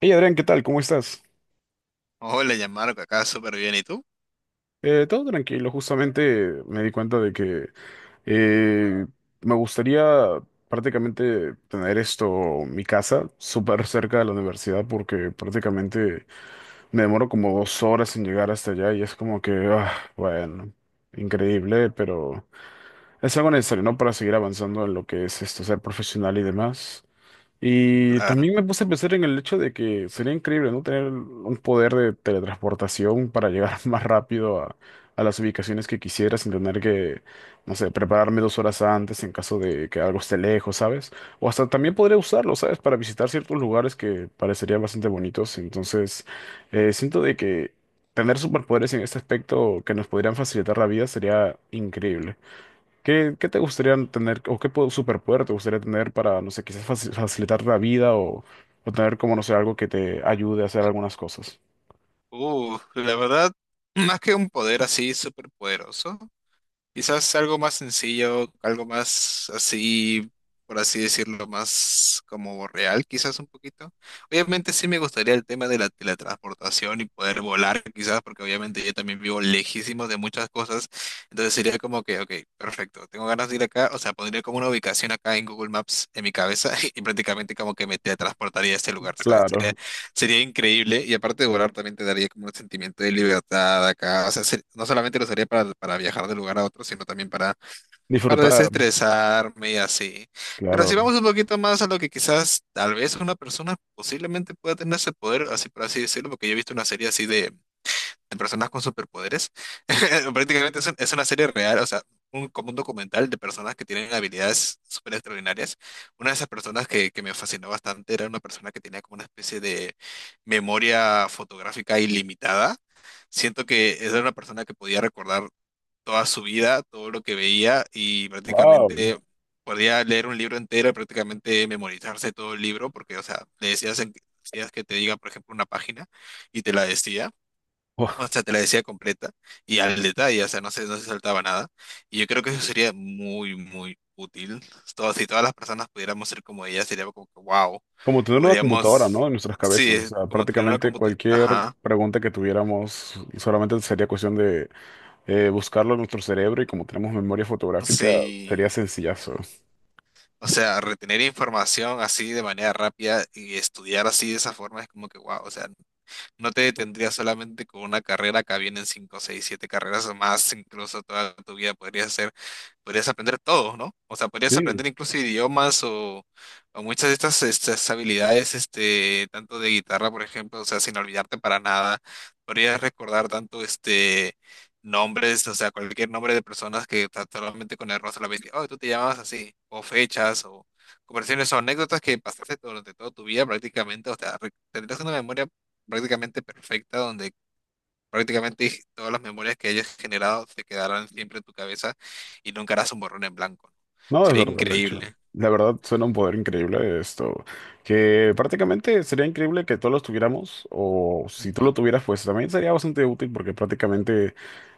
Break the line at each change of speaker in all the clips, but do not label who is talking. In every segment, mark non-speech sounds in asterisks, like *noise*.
Hey Adrián, ¿qué tal? ¿Cómo estás?
Hola, Yamarco, acá súper bien. ¿Y tú?
Todo tranquilo, justamente me di cuenta de que eh, me gustaría prácticamente tener esto, mi casa, súper cerca de la universidad porque prácticamente me demoro como 2 horas en llegar hasta allá y es como que, ah, bueno, increíble, pero es algo necesario, ¿no? Para seguir avanzando en lo que es esto, ser profesional y demás. Y
Claro.
también me puse a pensar en el hecho de que sería increíble, ¿no? Tener un poder de teletransportación para llegar *laughs* más rápido a las ubicaciones que quisiera sin tener que, no sé, prepararme 2 horas antes en caso de que algo esté lejos, ¿sabes? O hasta también podría usarlo, ¿sabes? Para visitar ciertos lugares que parecerían bastante bonitos. Entonces, siento de que tener superpoderes en este aspecto que nos podrían facilitar la vida sería increíble. ¿Qué te gustaría tener o superpoder te gustaría tener para, no sé, quizás facilitar la vida o tener como, no sé, algo que te ayude a hacer algunas cosas?
La verdad, más que un poder así súper poderoso, quizás algo más sencillo, algo más así, por así decirlo, más como real, quizás un poquito. Obviamente sí me gustaría el tema de la teletransportación y poder volar, quizás, porque obviamente yo también vivo lejísimo de muchas cosas. Entonces sería como que, ok, perfecto, tengo ganas de ir acá, o sea, pondría como una ubicación acá en Google Maps en mi cabeza *laughs* y prácticamente como que me teletransportaría a este lugar, ¿sabes?
Claro,
Sería increíble y aparte de volar también te daría como un sentimiento de libertad acá. O sea, no solamente lo usaría para viajar de lugar a otro, sino también para
disfrutar,
desestresarme y así. Pero si vamos
claro.
un poquito más a lo que quizás tal vez una persona posiblemente pueda tener ese poder, así por así decirlo, porque yo he visto una serie así de personas con superpoderes. *laughs* Prácticamente es, es una serie real, o sea, como un documental de personas que tienen habilidades súper extraordinarias. Una de esas personas que me fascinó bastante era una persona que tenía como una especie de memoria fotográfica ilimitada. Siento que era una persona que podía recordar toda su vida, todo lo que veía y
Wow.
prácticamente... Podía leer un libro entero y prácticamente memorizarse todo el libro, porque, o sea, le decías, decías que te diga, por ejemplo, una página y te la decía. O sea, te la decía completa y al detalle, o sea, no se saltaba nada. Y yo creo que eso sería muy, muy útil. Si todas las personas pudiéramos ser como ella, sería como que, wow,
Como tener una computadora, ¿no?
podríamos,
En nuestras cabezas.
sí,
O
es
sea,
como tener una
prácticamente
computadora.
cualquier
Ajá,
pregunta que tuviéramos solamente sería cuestión de buscarlo en nuestro cerebro y como tenemos memoria fotográfica, sería
sí.
sencillazo.
O sea, retener información así de manera rápida y estudiar así de esa forma es como que, wow, o sea, no te detendrías solamente con una carrera, acá vienen 5 6 7 carreras o más, incluso toda tu vida podrías hacer, podrías aprender todo, ¿no? O sea, podrías
Sí,
aprender incluso idiomas o muchas de estas habilidades, este, tanto de guitarra, por ejemplo, o sea, sin olvidarte para nada, podrías recordar tanto este nombres, o sea, cualquier nombre de personas solamente con el rostro la ves, oh, tú te llamas así, o fechas, o conversaciones o anécdotas que pasaste durante toda tu vida prácticamente, o sea, tendrías una memoria prácticamente perfecta, donde prácticamente *laughs* todas las memorias que hayas generado se quedarán siempre en tu cabeza y nunca harás un borrón en blanco, ¿no?
no, es
Sería
verdad, de hecho.
increíble.
La verdad suena un poder increíble esto, que prácticamente sería increíble que todos los tuviéramos, o si tú lo
Ujú,
tuvieras, pues también sería bastante útil porque prácticamente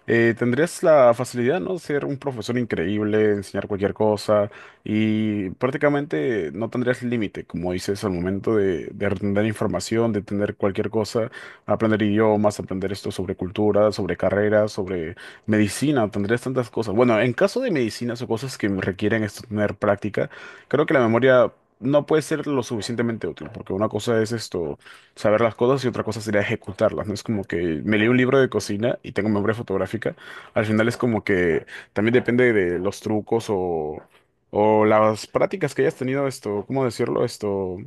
tendrías la facilidad, ¿no? Ser un profesor increíble, enseñar cualquier cosa y prácticamente no tendrías límite, como dices, al momento de entender información, de entender cualquier cosa, aprender idiomas, aprender esto sobre cultura, sobre carreras, sobre medicina, tendrías tantas cosas. Bueno, en caso de medicinas o cosas que requieren esto tener práctica, creo que la memoria no puede ser lo suficientemente útil, porque una cosa es esto, saber las cosas y otra cosa sería ejecutarlas, ¿no? Es como que me leí un libro de cocina y tengo memoria fotográfica. Al final es como que también depende de los trucos o las prácticas que hayas tenido esto, ¿cómo decirlo? Esto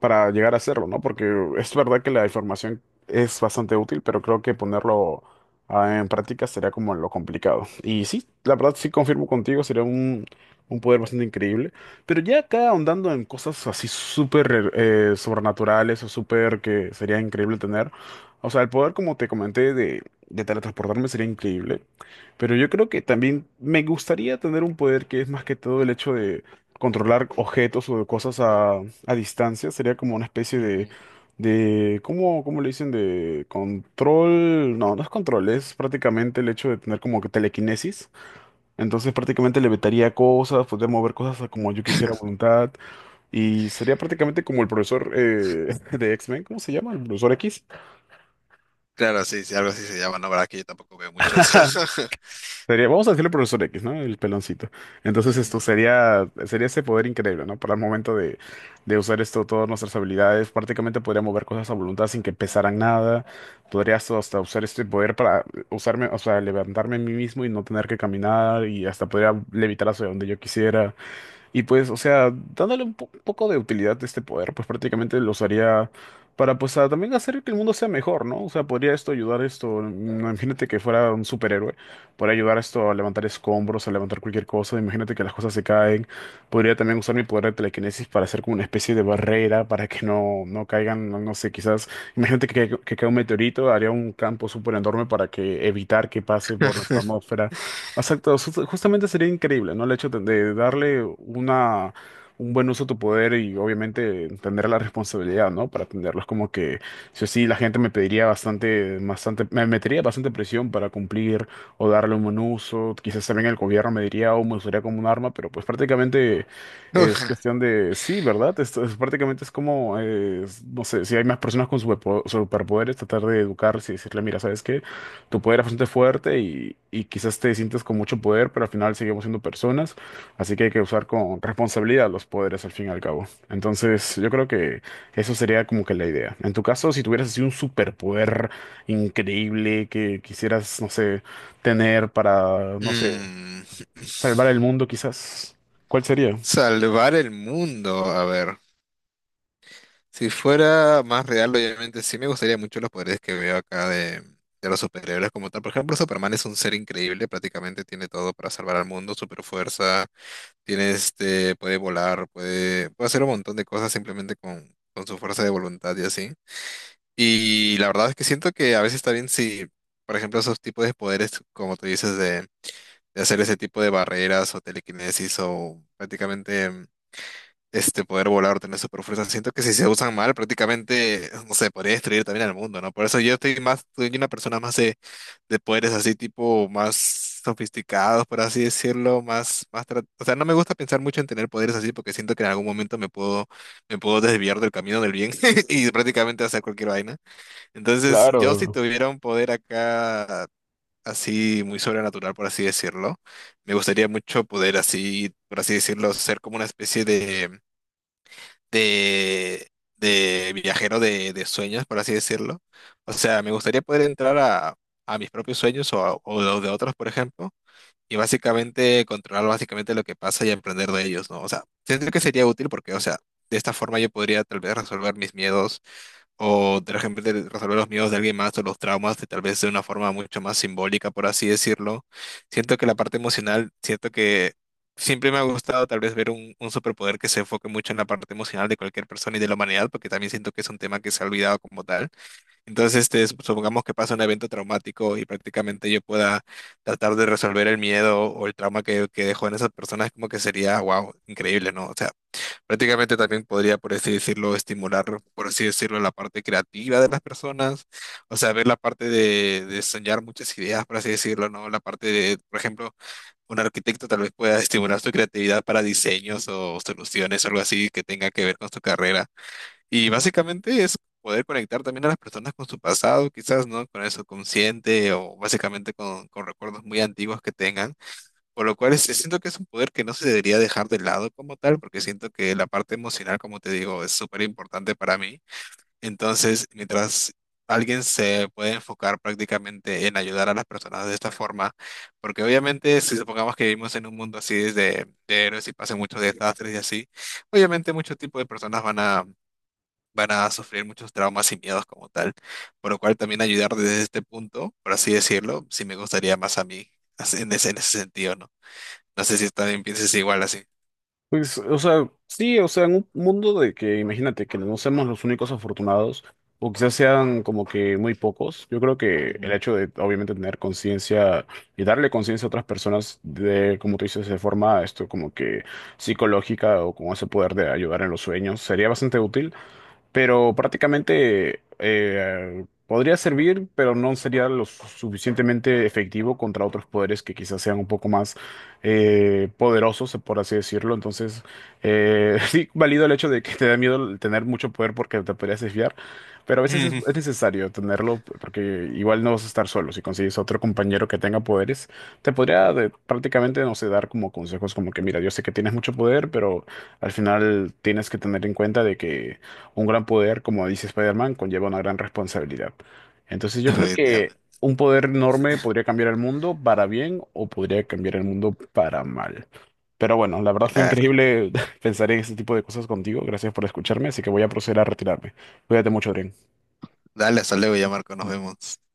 para llegar a hacerlo, ¿no? Porque es verdad que la información es bastante útil, pero creo que ponerlo en práctica sería como lo complicado. Y sí, la verdad sí confirmo contigo, sería un poder bastante increíble. Pero ya acá ahondando en cosas así súper sobrenaturales o súper que sería increíble tener. O sea, el poder, como te comenté, de teletransportarme sería increíble. Pero yo creo que también me gustaría tener un poder que es más que todo el hecho de controlar objetos o de cosas a distancia, sería como una especie
ujú.
de ¿cómo le dicen? De control, no, no es control, es prácticamente el hecho de tener como que telequinesis, entonces prácticamente le vetaría cosas, poder mover cosas a como yo quisiera a voluntad, y sería prácticamente como el profesor *laughs* de X-Men, ¿cómo se llama? El profesor X.
Claro, sí, sí, algo así se llama, no, verdad que yo tampoco veo mucho eso.
*laughs* Sería, vamos a decirle profesor X, ¿no? El peloncito.
*laughs*
Entonces esto
Ujú.
sería, sería ese poder increíble, ¿no? Para el momento de usar esto, todas nuestras habilidades, prácticamente podría mover cosas a voluntad sin que pesaran nada. Podrías hasta usar este poder para usarme, o sea, levantarme a mí mismo y no tener que caminar y hasta podría levitar hacia donde yo quisiera. Y pues, o sea, dándole un, un poco de utilidad a este poder, pues prácticamente lo usaría para, pues, también hacer que el mundo sea mejor, ¿no? O sea, podría esto ayudar esto, imagínate que fuera un superhéroe, podría ayudar esto a levantar escombros, a levantar cualquier cosa, imagínate que las cosas se caen, podría también usar mi poder de telequinesis para hacer como una especie de barrera para que no, no caigan, no, no sé, quizás, imagínate que caiga un meteorito, haría un campo súper enorme para que evitar que pase por nuestra
*laughs*
atmósfera. Exacto, justamente sería increíble, ¿no? El hecho de darle una, un buen uso a tu poder y obviamente tener la responsabilidad, ¿no? Para atenderlos, como que, si o sí, la gente me pediría bastante, bastante, me metería bastante presión para cumplir o darle un buen uso. Quizás también el gobierno me diría, o me usaría como un arma, pero pues prácticamente es cuestión de, sí, ¿verdad? Esto es, prácticamente es como, no sé, si hay más personas con superpoderes, tratar de educarse y decirle, mira, ¿sabes qué? Tu poder es bastante fuerte y quizás te sientes con mucho poder, pero al final seguimos siendo personas, así que hay que usar con responsabilidad los poderes al fin y al cabo. Entonces, yo creo que eso sería como que la idea. En tu caso, si tuvieras así un superpoder increíble que quisieras, no sé, tener para, no sé,
Mm,
salvar el mundo quizás, ¿cuál sería?
salvar el mundo, a ver. Si fuera más real, obviamente sí me gustaría mucho los poderes que veo acá de los superhéroes como tal. Por ejemplo, Superman es un ser increíble, prácticamente tiene todo para salvar al mundo, super fuerza, tiene este, puede volar, puede, puede hacer un montón de cosas simplemente con su fuerza de voluntad y así. Y la verdad es que siento que a veces está bien si, por ejemplo, esos tipos de poderes, como tú dices, de hacer ese tipo de barreras o telequinesis o prácticamente este poder volar, tener super fuerza. Siento que si se usan mal, prácticamente, no sé, podría destruir también al mundo, ¿no? Por eso yo estoy más, soy una persona más de poderes así, tipo, más sofisticados, por así decirlo, más, más, o sea, no me gusta pensar mucho en tener poderes así porque siento que en algún momento me puedo desviar del camino del bien *laughs* y prácticamente hacer cualquier vaina. Entonces, yo si
Claro,
tuviera un poder acá, así, muy sobrenatural, por así decirlo, me gustaría mucho poder así, por así decirlo, ser como una especie de de, de viajero de sueños, por así decirlo. O sea, me gustaría poder entrar a mis propios sueños o, o los de otros, por ejemplo, y básicamente controlar básicamente lo que pasa y emprender de ellos, ¿no? O sea, siento que sería útil porque, o sea, de esta forma yo podría tal vez resolver mis miedos o de repente de resolver los miedos de alguien más o los traumas, de, tal vez de una forma mucho más simbólica, por así decirlo. Siento que la parte emocional, siento que siempre me ha gustado tal vez ver un superpoder que se enfoque mucho en la parte emocional de cualquier persona y de la humanidad, porque también siento que es un tema que se ha olvidado como tal. Entonces, este, supongamos que pasa un evento traumático y prácticamente yo pueda tratar de resolver el miedo o el trauma que dejó en esas personas, como que sería, wow, increíble, ¿no? O sea, prácticamente también podría, por así decirlo, estimular, por así decirlo, la parte creativa de las personas, o sea, ver la parte de soñar muchas ideas, por así decirlo, ¿no? La parte de, por ejemplo, un arquitecto tal vez pueda estimular su creatividad para diseños o soluciones, algo así que tenga que ver con su carrera. Y básicamente es poder conectar también a las personas con su pasado, quizás, ¿no? Con el subconsciente o básicamente con recuerdos muy antiguos que tengan. Por lo cual siento que es un poder que no se debería dejar de lado como tal, porque siento que la parte emocional, como te digo, es súper importante para mí. Entonces, mientras alguien se puede enfocar prácticamente en ayudar a las personas de esta forma, porque obviamente si supongamos que vivimos en un mundo así de héroes y pasan muchos desastres y así, obviamente muchos tipos de personas van a, van a sufrir muchos traumas y miedos como tal. Por lo cual también ayudar desde este punto, por así decirlo, sí me gustaría más a mí así, en ese sentido, ¿no? No sé si también piensas igual así.
pues, o sea, sí, o sea, en un mundo de que, imagínate, que no seamos los únicos afortunados, o quizás sean como que muy pocos, yo creo que el
Ujú.
hecho de, obviamente, tener conciencia y darle conciencia a otras personas de, como tú dices, de forma, esto como que psicológica o con ese poder de ayudar en los sueños, sería bastante útil pero prácticamente podría servir, pero no sería lo suficientemente efectivo contra otros poderes que quizás sean un poco más poderosos, por así decirlo. Entonces, *laughs* sí, valido el hecho de que te da miedo el tener mucho poder porque te podrías desviar, pero a
*laughs*
veces es
Ujú.
necesario tenerlo porque igual no vas a estar solo. Si consigues otro compañero que tenga poderes, te podría prácticamente, no sé, dar como consejos como que, mira, yo sé que tienes mucho poder, pero... Al final tienes que tener en cuenta de que un gran poder, como dice Spider-Man, conlleva una gran responsabilidad. Entonces yo creo que
Efectivamente,
un poder enorme podría cambiar el mundo para bien o podría cambiar el mundo para mal. Pero bueno, la verdad fue
claro.
increíble *laughs* pensar en este tipo de cosas contigo. Gracias por escucharme, así que voy a proceder a retirarme. Cuídate mucho, Adrián.
Dale, hasta luego ya, Marco, nos vemos.